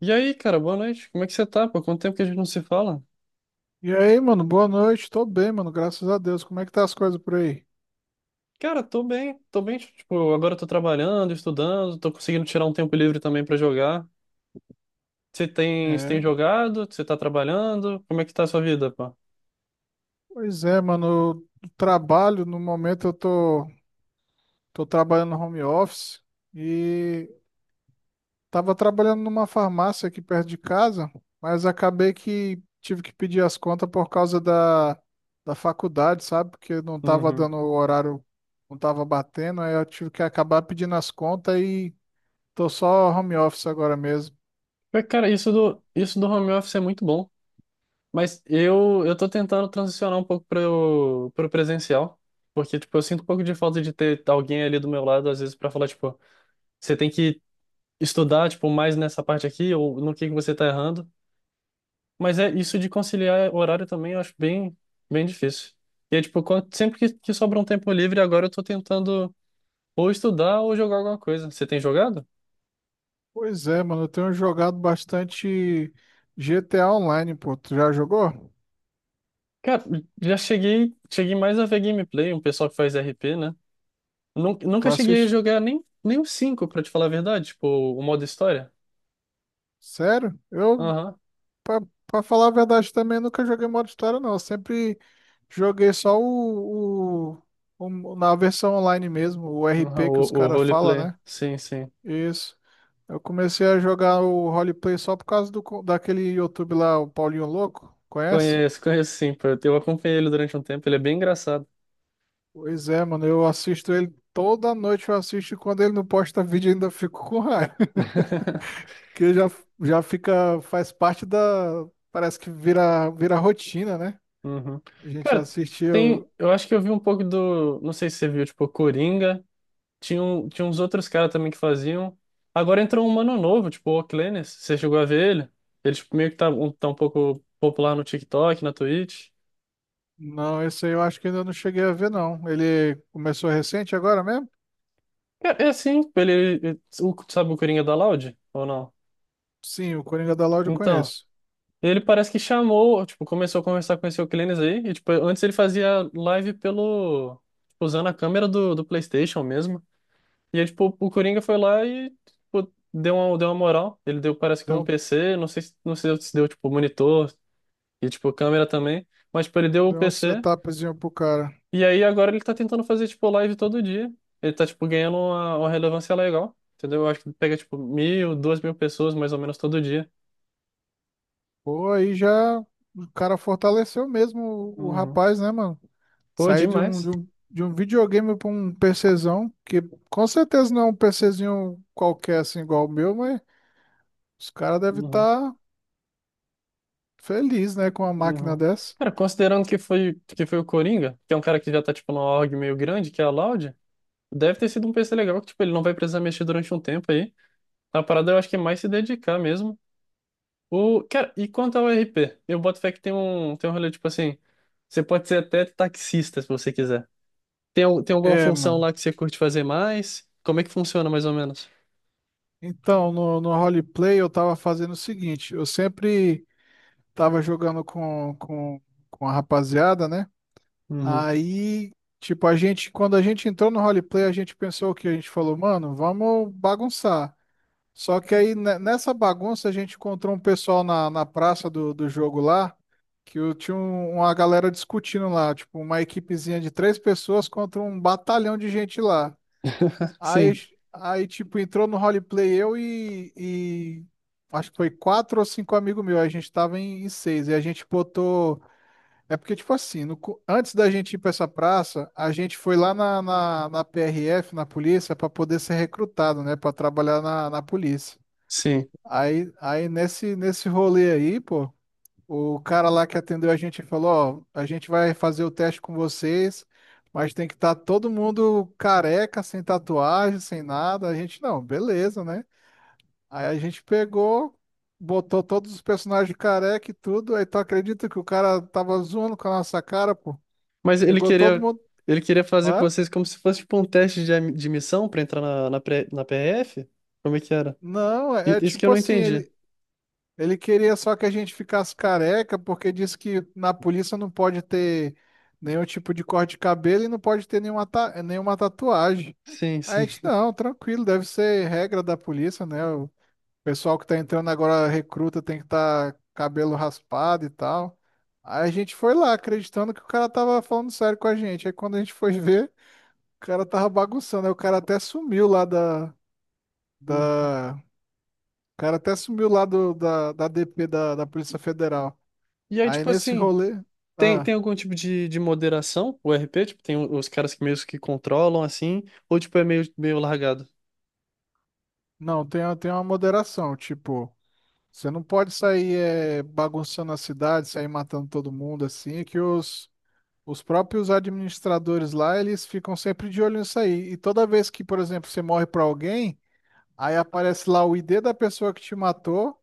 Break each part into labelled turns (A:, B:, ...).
A: E aí, cara, boa noite. Como é que você tá? Pô, quanto tempo que a gente não se fala?
B: E aí, mano, boa noite. Tô bem, mano, graças a Deus. Como é que tá as coisas por aí?
A: Cara, tô bem, tipo, agora eu tô trabalhando, estudando, tô conseguindo tirar um tempo livre também pra jogar. Você tem
B: É,
A: jogado? Você tá trabalhando? Como é que tá a sua vida, pô?
B: pois é, mano, eu trabalho, no momento tô trabalhando no home office e tava trabalhando numa farmácia aqui perto de casa, mas acabei que tive que pedir as contas por causa da faculdade, sabe? Porque não tava
A: Uhum.
B: dando o horário, não tava batendo, aí eu tive que acabar pedindo as contas e tô só home office agora mesmo.
A: Mas, cara, isso do home office é muito bom, mas eu tô tentando transicionar um pouco para o presencial, porque, tipo, eu sinto um pouco de falta de ter alguém ali do meu lado, às vezes, para falar, tipo, você tem que estudar, tipo, mais nessa parte aqui, ou no que você tá errando. Mas é isso de conciliar horário também, eu acho bem, bem difícil. E é tipo, sempre que sobra um tempo livre, agora eu tô tentando ou estudar ou jogar alguma coisa. Você tem jogado?
B: Pois é, mano, eu tenho jogado bastante GTA Online, pô. Tu já jogou?
A: Cara, já cheguei, cheguei mais a ver gameplay, um pessoal que faz RP, né?
B: Tu
A: Nunca cheguei a
B: assiste?
A: jogar nem o 5 pra te falar a verdade, tipo, o modo história.
B: Sério?
A: Aham,
B: Pra, pra falar a verdade, também nunca joguei modo história, não. Eu sempre joguei só na versão online mesmo, o
A: aham,
B: RP que
A: o,
B: os
A: o
B: caras falam,
A: roleplay,
B: né?
A: sim, sim.
B: Isso. Eu comecei a jogar o roleplay só por causa daquele YouTube lá, o Paulinho Louco. Conhece?
A: Conheço, conheço sim, pô. Eu acompanhei ele durante um tempo, ele é bem engraçado.
B: Pois é, mano, eu assisto ele toda noite, eu assisto e quando ele não posta vídeo, ainda fico com raiva. que já, já fica, faz parte parece que vira rotina, né?
A: Uhum.
B: A gente
A: Cara, tem.
B: assistiu.
A: Eu acho que eu vi um pouco do. Não sei se você viu, tipo, Coringa. Tinha, tinha uns outros caras também que faziam. Agora entrou um mano novo, tipo, o Oclenes. Você chegou a ver ele? Ele, tipo, meio que tá um pouco popular no TikTok, na Twitch.
B: Não, esse aí eu acho que ainda não cheguei a ver, não. Ele começou recente agora mesmo?
A: Cara, é assim, tipo, ele. Sabe o Coringa da Loud? Ou não?
B: Sim, o Coringa da Loud eu
A: Então,
B: conheço.
A: ele parece que chamou, tipo, começou a conversar com esse Oclenes aí. E, tipo, antes ele fazia live pelo. Tipo, usando a câmera do PlayStation mesmo. E aí, tipo, o Coringa foi lá e tipo, deu uma moral. Ele deu, parece que um
B: Deu, um-
A: PC, não sei, não sei se deu, tipo, monitor e, tipo, câmera também. Mas, tipo, ele deu o
B: deu um
A: PC.
B: setupzinho pro cara.
A: E aí, agora ele tá tentando fazer, tipo, live todo dia. Ele tá, tipo, ganhando uma relevância legal. Entendeu? Eu acho que pega, tipo, 1.000, 2.000 pessoas, mais ou menos, todo dia.
B: Pô, aí já o cara fortaleceu mesmo o
A: Uhum,
B: rapaz, né, mano?
A: pô,
B: Saí
A: demais.
B: de um videogame para um PCzão, que com certeza não é um PCzinho qualquer assim igual o meu, mas os caras devem
A: Uhum,
B: estar tá felizes, né, com uma máquina
A: uhum.
B: dessa.
A: Cara, considerando que foi o Coringa, que é um cara que já tá, tipo, numa org meio grande, que é a Loud, deve ter sido um PC legal, que, tipo, ele não vai precisar mexer durante um tempo aí. A parada eu acho que é mais se dedicar mesmo. O, cara, e quanto ao RP? Eu boto fé que tem um rolê tipo assim. Você pode ser até taxista se você quiser. Tem, tem alguma
B: É,
A: função
B: mano.
A: lá que você curte fazer mais? Como é que funciona mais ou menos?
B: Então, no roleplay eu tava fazendo o seguinte, eu sempre tava jogando com a rapaziada, né?
A: Uhum.
B: Aí, tipo, a gente, quando a gente entrou no roleplay, a gente pensou o que? A gente falou, mano, vamos bagunçar. Só que aí, nessa bagunça, a gente encontrou um pessoal na praça do jogo lá, que eu tinha uma galera discutindo lá, tipo, uma equipezinha de três pessoas contra um batalhão de gente lá. Aí,
A: Sim,
B: tipo, entrou no roleplay e acho que foi quatro ou cinco amigos meus. A gente tava em seis. E a gente botou. É porque, tipo assim, no co- antes da gente ir pra essa praça, a gente foi lá na PRF, na polícia, pra poder ser recrutado, né? Pra trabalhar na polícia.
A: sim.
B: Aí nesse rolê aí, pô. O cara lá que atendeu a gente falou, ó, a gente vai fazer o teste com vocês, mas tem que estar todo mundo careca, sem tatuagem, sem nada. A gente, não, beleza, né? Aí a gente pegou, botou todos os personagens careca e tudo. Aí tu acredita que o cara tava zoando com a nossa cara, pô?
A: Mas
B: Chegou todo mundo.
A: ele queria fazer com
B: Hã?
A: vocês como se fosse tipo um teste de, de missão pra entrar na, na, na PRF? Como é que era?
B: Não, é
A: Isso que eu
B: tipo
A: não
B: assim,
A: entendi.
B: ele queria só que a gente ficasse careca, porque disse que na polícia não pode ter nenhum tipo de corte de cabelo e não pode ter nenhuma tatuagem.
A: Sim,
B: Aí a
A: sim.
B: gente, não, tranquilo, deve ser regra da polícia, né? O pessoal que tá entrando agora, recruta, tem que estar cabelo raspado e tal. Aí a gente foi lá, acreditando que o cara tava falando sério com a gente. Aí quando a gente foi ver, o cara tava bagunçando. Aí o cara até sumiu lá da,
A: Hum.
B: da... O cara até sumiu lá da DP da Polícia Federal.
A: E aí,
B: Aí
A: tipo
B: nesse
A: assim.
B: rolê,
A: Tem,
B: ah,
A: tem algum tipo de moderação, o RP? Tipo, tem os caras que meio que controlam assim, ou tipo é meio, meio largado?
B: não, tem, tem uma moderação, tipo, você não pode sair bagunçando a cidade, sair matando todo mundo assim, que os próprios administradores lá, eles ficam sempre de olho nisso aí. E toda vez que, por exemplo, você morre pra alguém, aí aparece lá o ID da pessoa que te matou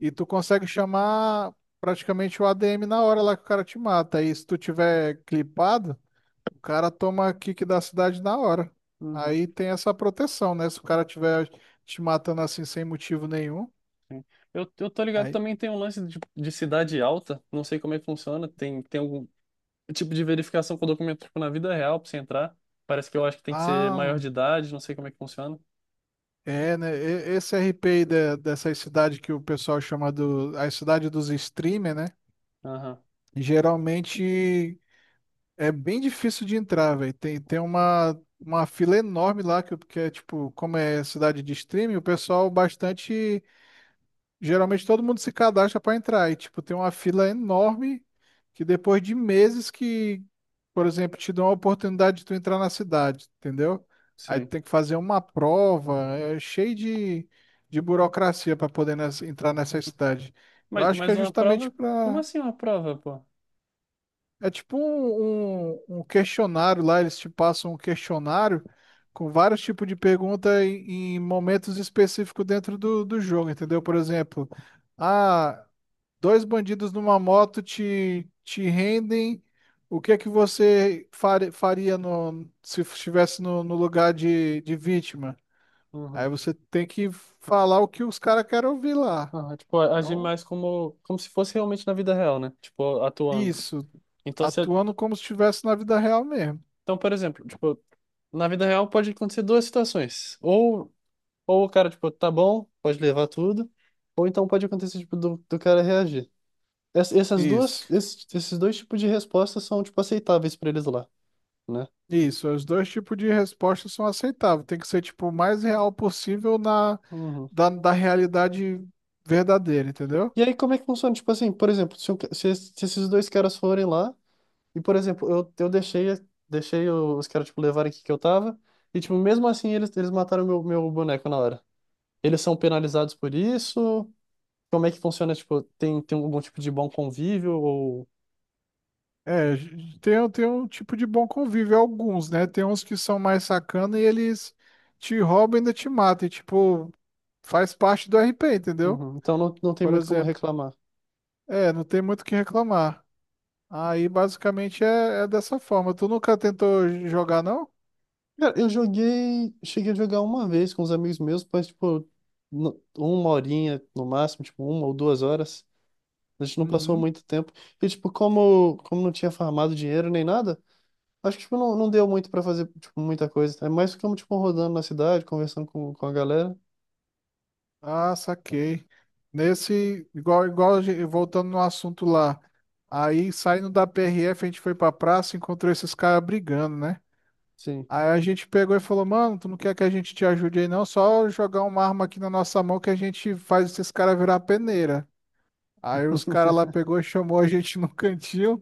B: e tu consegue chamar praticamente o ADM na hora lá que o cara te mata. E se tu tiver clipado, o cara toma kick da cidade na hora.
A: Uhum,
B: Aí tem essa proteção, né? Se o cara tiver te matando assim sem motivo nenhum,
A: sim. Eu tô ligado,
B: aí.
A: também tem um lance de cidade alta, não sei como é que funciona, tem, tem algum tipo de verificação com o documento tipo, na vida real pra você entrar. Parece que eu acho que tem que ser
B: Ah,
A: maior de idade, não sei como é que funciona.
B: é, né? Esse RP aí dessa cidade que o pessoal chama do, a cidade dos streamer, né?
A: Aham,
B: Geralmente é bem difícil de entrar, velho. Tem uma fila enorme lá, que é tipo, como é cidade de streaming, o pessoal bastante. Geralmente todo mundo se cadastra para entrar e tipo tem uma fila enorme que depois de meses que, por exemplo, te dão a oportunidade de tu entrar na cidade, entendeu? Aí tu
A: sim.
B: tem que fazer uma prova, é cheio de burocracia para poder entrar nessa cidade. Eu acho que
A: Mas
B: é
A: uma
B: justamente
A: prova? Como
B: para
A: assim uma prova, pô?
B: é tipo um questionário lá, eles te passam um questionário com vários tipos de pergunta em momentos específicos dentro do jogo, entendeu? Por exemplo, ah, dois bandidos numa moto te rendem. O que é que você faria se estivesse no lugar de vítima? Aí
A: Uhum.
B: você tem que falar o que os caras querem ouvir lá.
A: Aham, tipo,
B: É
A: agir
B: um-
A: mais como, como se fosse realmente na vida real, né? Tipo, atuando.
B: isso,
A: Então, você.
B: atuando como se estivesse na vida real mesmo.
A: Então, por exemplo, tipo, na vida real pode acontecer duas situações. Ou o cara, tipo, tá bom, pode levar tudo, ou então pode acontecer, tipo, do, do cara reagir. Essas duas,
B: Isso,
A: esses, esses dois tipos de respostas são, tipo, aceitáveis pra eles lá, né?
B: isso. Os dois tipos de resposta são aceitáveis. Tem que ser tipo o mais real possível na
A: Uhum.
B: da realidade verdadeira, entendeu?
A: E aí, como é que funciona? Tipo assim, por exemplo, se, se, se esses dois caras forem lá, e, por exemplo, eu deixei, deixei os caras, tipo, levarem o que que eu tava, e, tipo, mesmo assim, eles mataram meu, meu boneco na hora. Eles são penalizados por isso? Como é que funciona? Tipo, tem, tem algum tipo de bom convívio ou...
B: É, tem, tem um tipo de bom convívio, alguns, né? Tem uns que são mais sacana e eles te roubam e ainda te matam. E, tipo, faz parte do RP, entendeu?
A: Uhum. Então não, não tem
B: Por
A: muito como
B: exemplo.
A: reclamar.
B: É, não tem muito o que reclamar. Aí, basicamente, é dessa forma. Tu nunca tentou jogar, não?
A: Cara, eu joguei... Cheguei a jogar uma vez com os amigos meus, mas, tipo, uma horinha no máximo, tipo, 1 ou 2 horas. A gente não passou
B: Uhum.
A: muito tempo. E, tipo, como, como não tinha farmado dinheiro nem nada, acho que, tipo, não, não deu muito pra fazer, tipo, muita coisa. É mais ficamos, tipo, rodando na cidade, conversando com a galera.
B: Ah, saquei. Nesse, voltando no assunto lá. Aí, saindo da PRF, a gente foi pra praça e encontrou esses caras brigando, né?
A: Sim.
B: Aí a gente pegou e falou, mano, tu não quer que a gente te ajude aí não? Só jogar uma arma aqui na nossa mão que a gente faz esses caras virar peneira. Aí os caras lá pegou e chamou a gente no cantinho.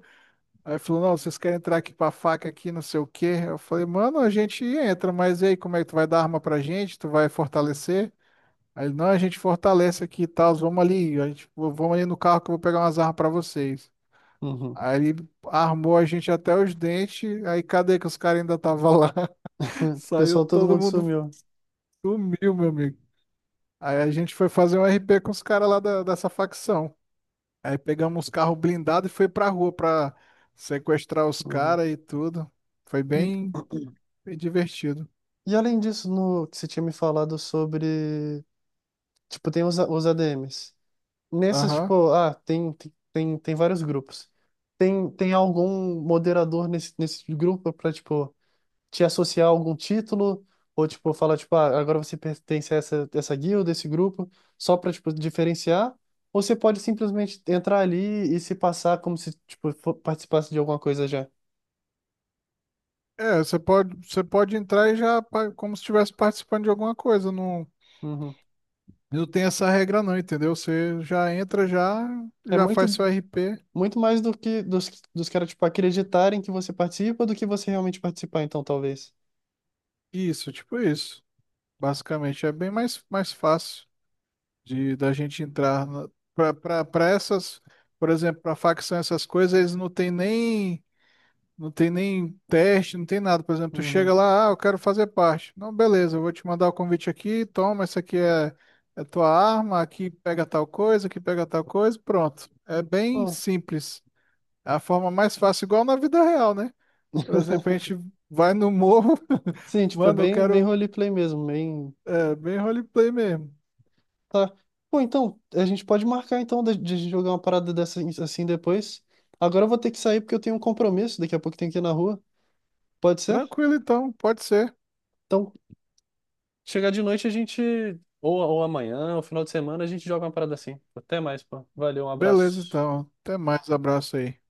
B: Aí falou, não, vocês querem entrar aqui pra faca aqui, não sei o quê. Eu falei, mano, a gente entra, mas e aí, como é que tu vai dar arma pra gente? Tu vai fortalecer? Aí ele, não, a gente fortalece aqui e tal, vamos ali, a gente, vamos ali no carro que eu vou pegar umas armas pra vocês.
A: Uhum.
B: Aí ele armou a gente até os dentes, aí cadê que os caras ainda estavam lá?
A: O
B: Saiu
A: pessoal, todo
B: todo
A: mundo
B: mundo.
A: sumiu.
B: Sumiu, meu amigo. Aí a gente foi fazer um RP com os caras lá dessa facção. Aí pegamos os carros blindados e foi pra rua pra sequestrar os
A: Uhum.
B: caras e tudo. Foi bem,
A: E...
B: bem divertido.
A: E além disso, no que você tinha me falado sobre, tipo, tem os ADMs. Nessas,
B: Aham.
A: tipo, ah, tem, tem, tem vários grupos. Tem, tem algum moderador nesse, nesse grupo pra, tipo, te associar a algum título? Ou, tipo, falar, tipo, ah, agora você pertence a essa, essa guilda, esse grupo, só pra, tipo, diferenciar? Ou você pode simplesmente entrar ali e se passar como se, tipo, participasse de alguma coisa já?
B: É, você pode entrar e já como se estivesse participando de alguma coisa. Não,
A: Uhum.
B: não tem essa regra não, entendeu? Você já entra, já,
A: É
B: já faz
A: muito.
B: seu RP.
A: Muito mais do que dos, dos caras, tipo, acreditarem que você participa do que você realmente participar, então, talvez.
B: Isso, tipo isso. Basicamente é bem mais fácil de da gente entrar para essas, por exemplo, para facção essas coisas, eles não tem nem teste, não tem nada. Por exemplo, tu
A: Uhum.
B: chega lá, ah, eu quero fazer parte. Não, beleza, eu vou te mandar o convite aqui, toma, essa aqui é tua arma, aqui pega tal coisa, aqui pega tal coisa, pronto. É bem
A: Pô,
B: simples. É a forma mais fácil, igual na vida real, né? Por exemplo, a gente vai no morro,
A: sim, tipo, é
B: mano, eu
A: bem, bem
B: quero
A: roleplay mesmo, bem...
B: é, bem roleplay mesmo.
A: Tá. Pô, então, a gente pode marcar, então, de jogar uma parada dessa assim depois. Agora eu vou ter que sair porque eu tenho um compromisso, daqui a pouco tenho que ir na rua. Pode ser?
B: Tranquilo, então, pode ser.
A: Então, chegar de noite a gente. Ou amanhã, ou final de semana, a gente joga uma parada assim. Até mais, pô. Valeu, um
B: Beleza,
A: abraço.
B: então. Até mais. Abraço aí.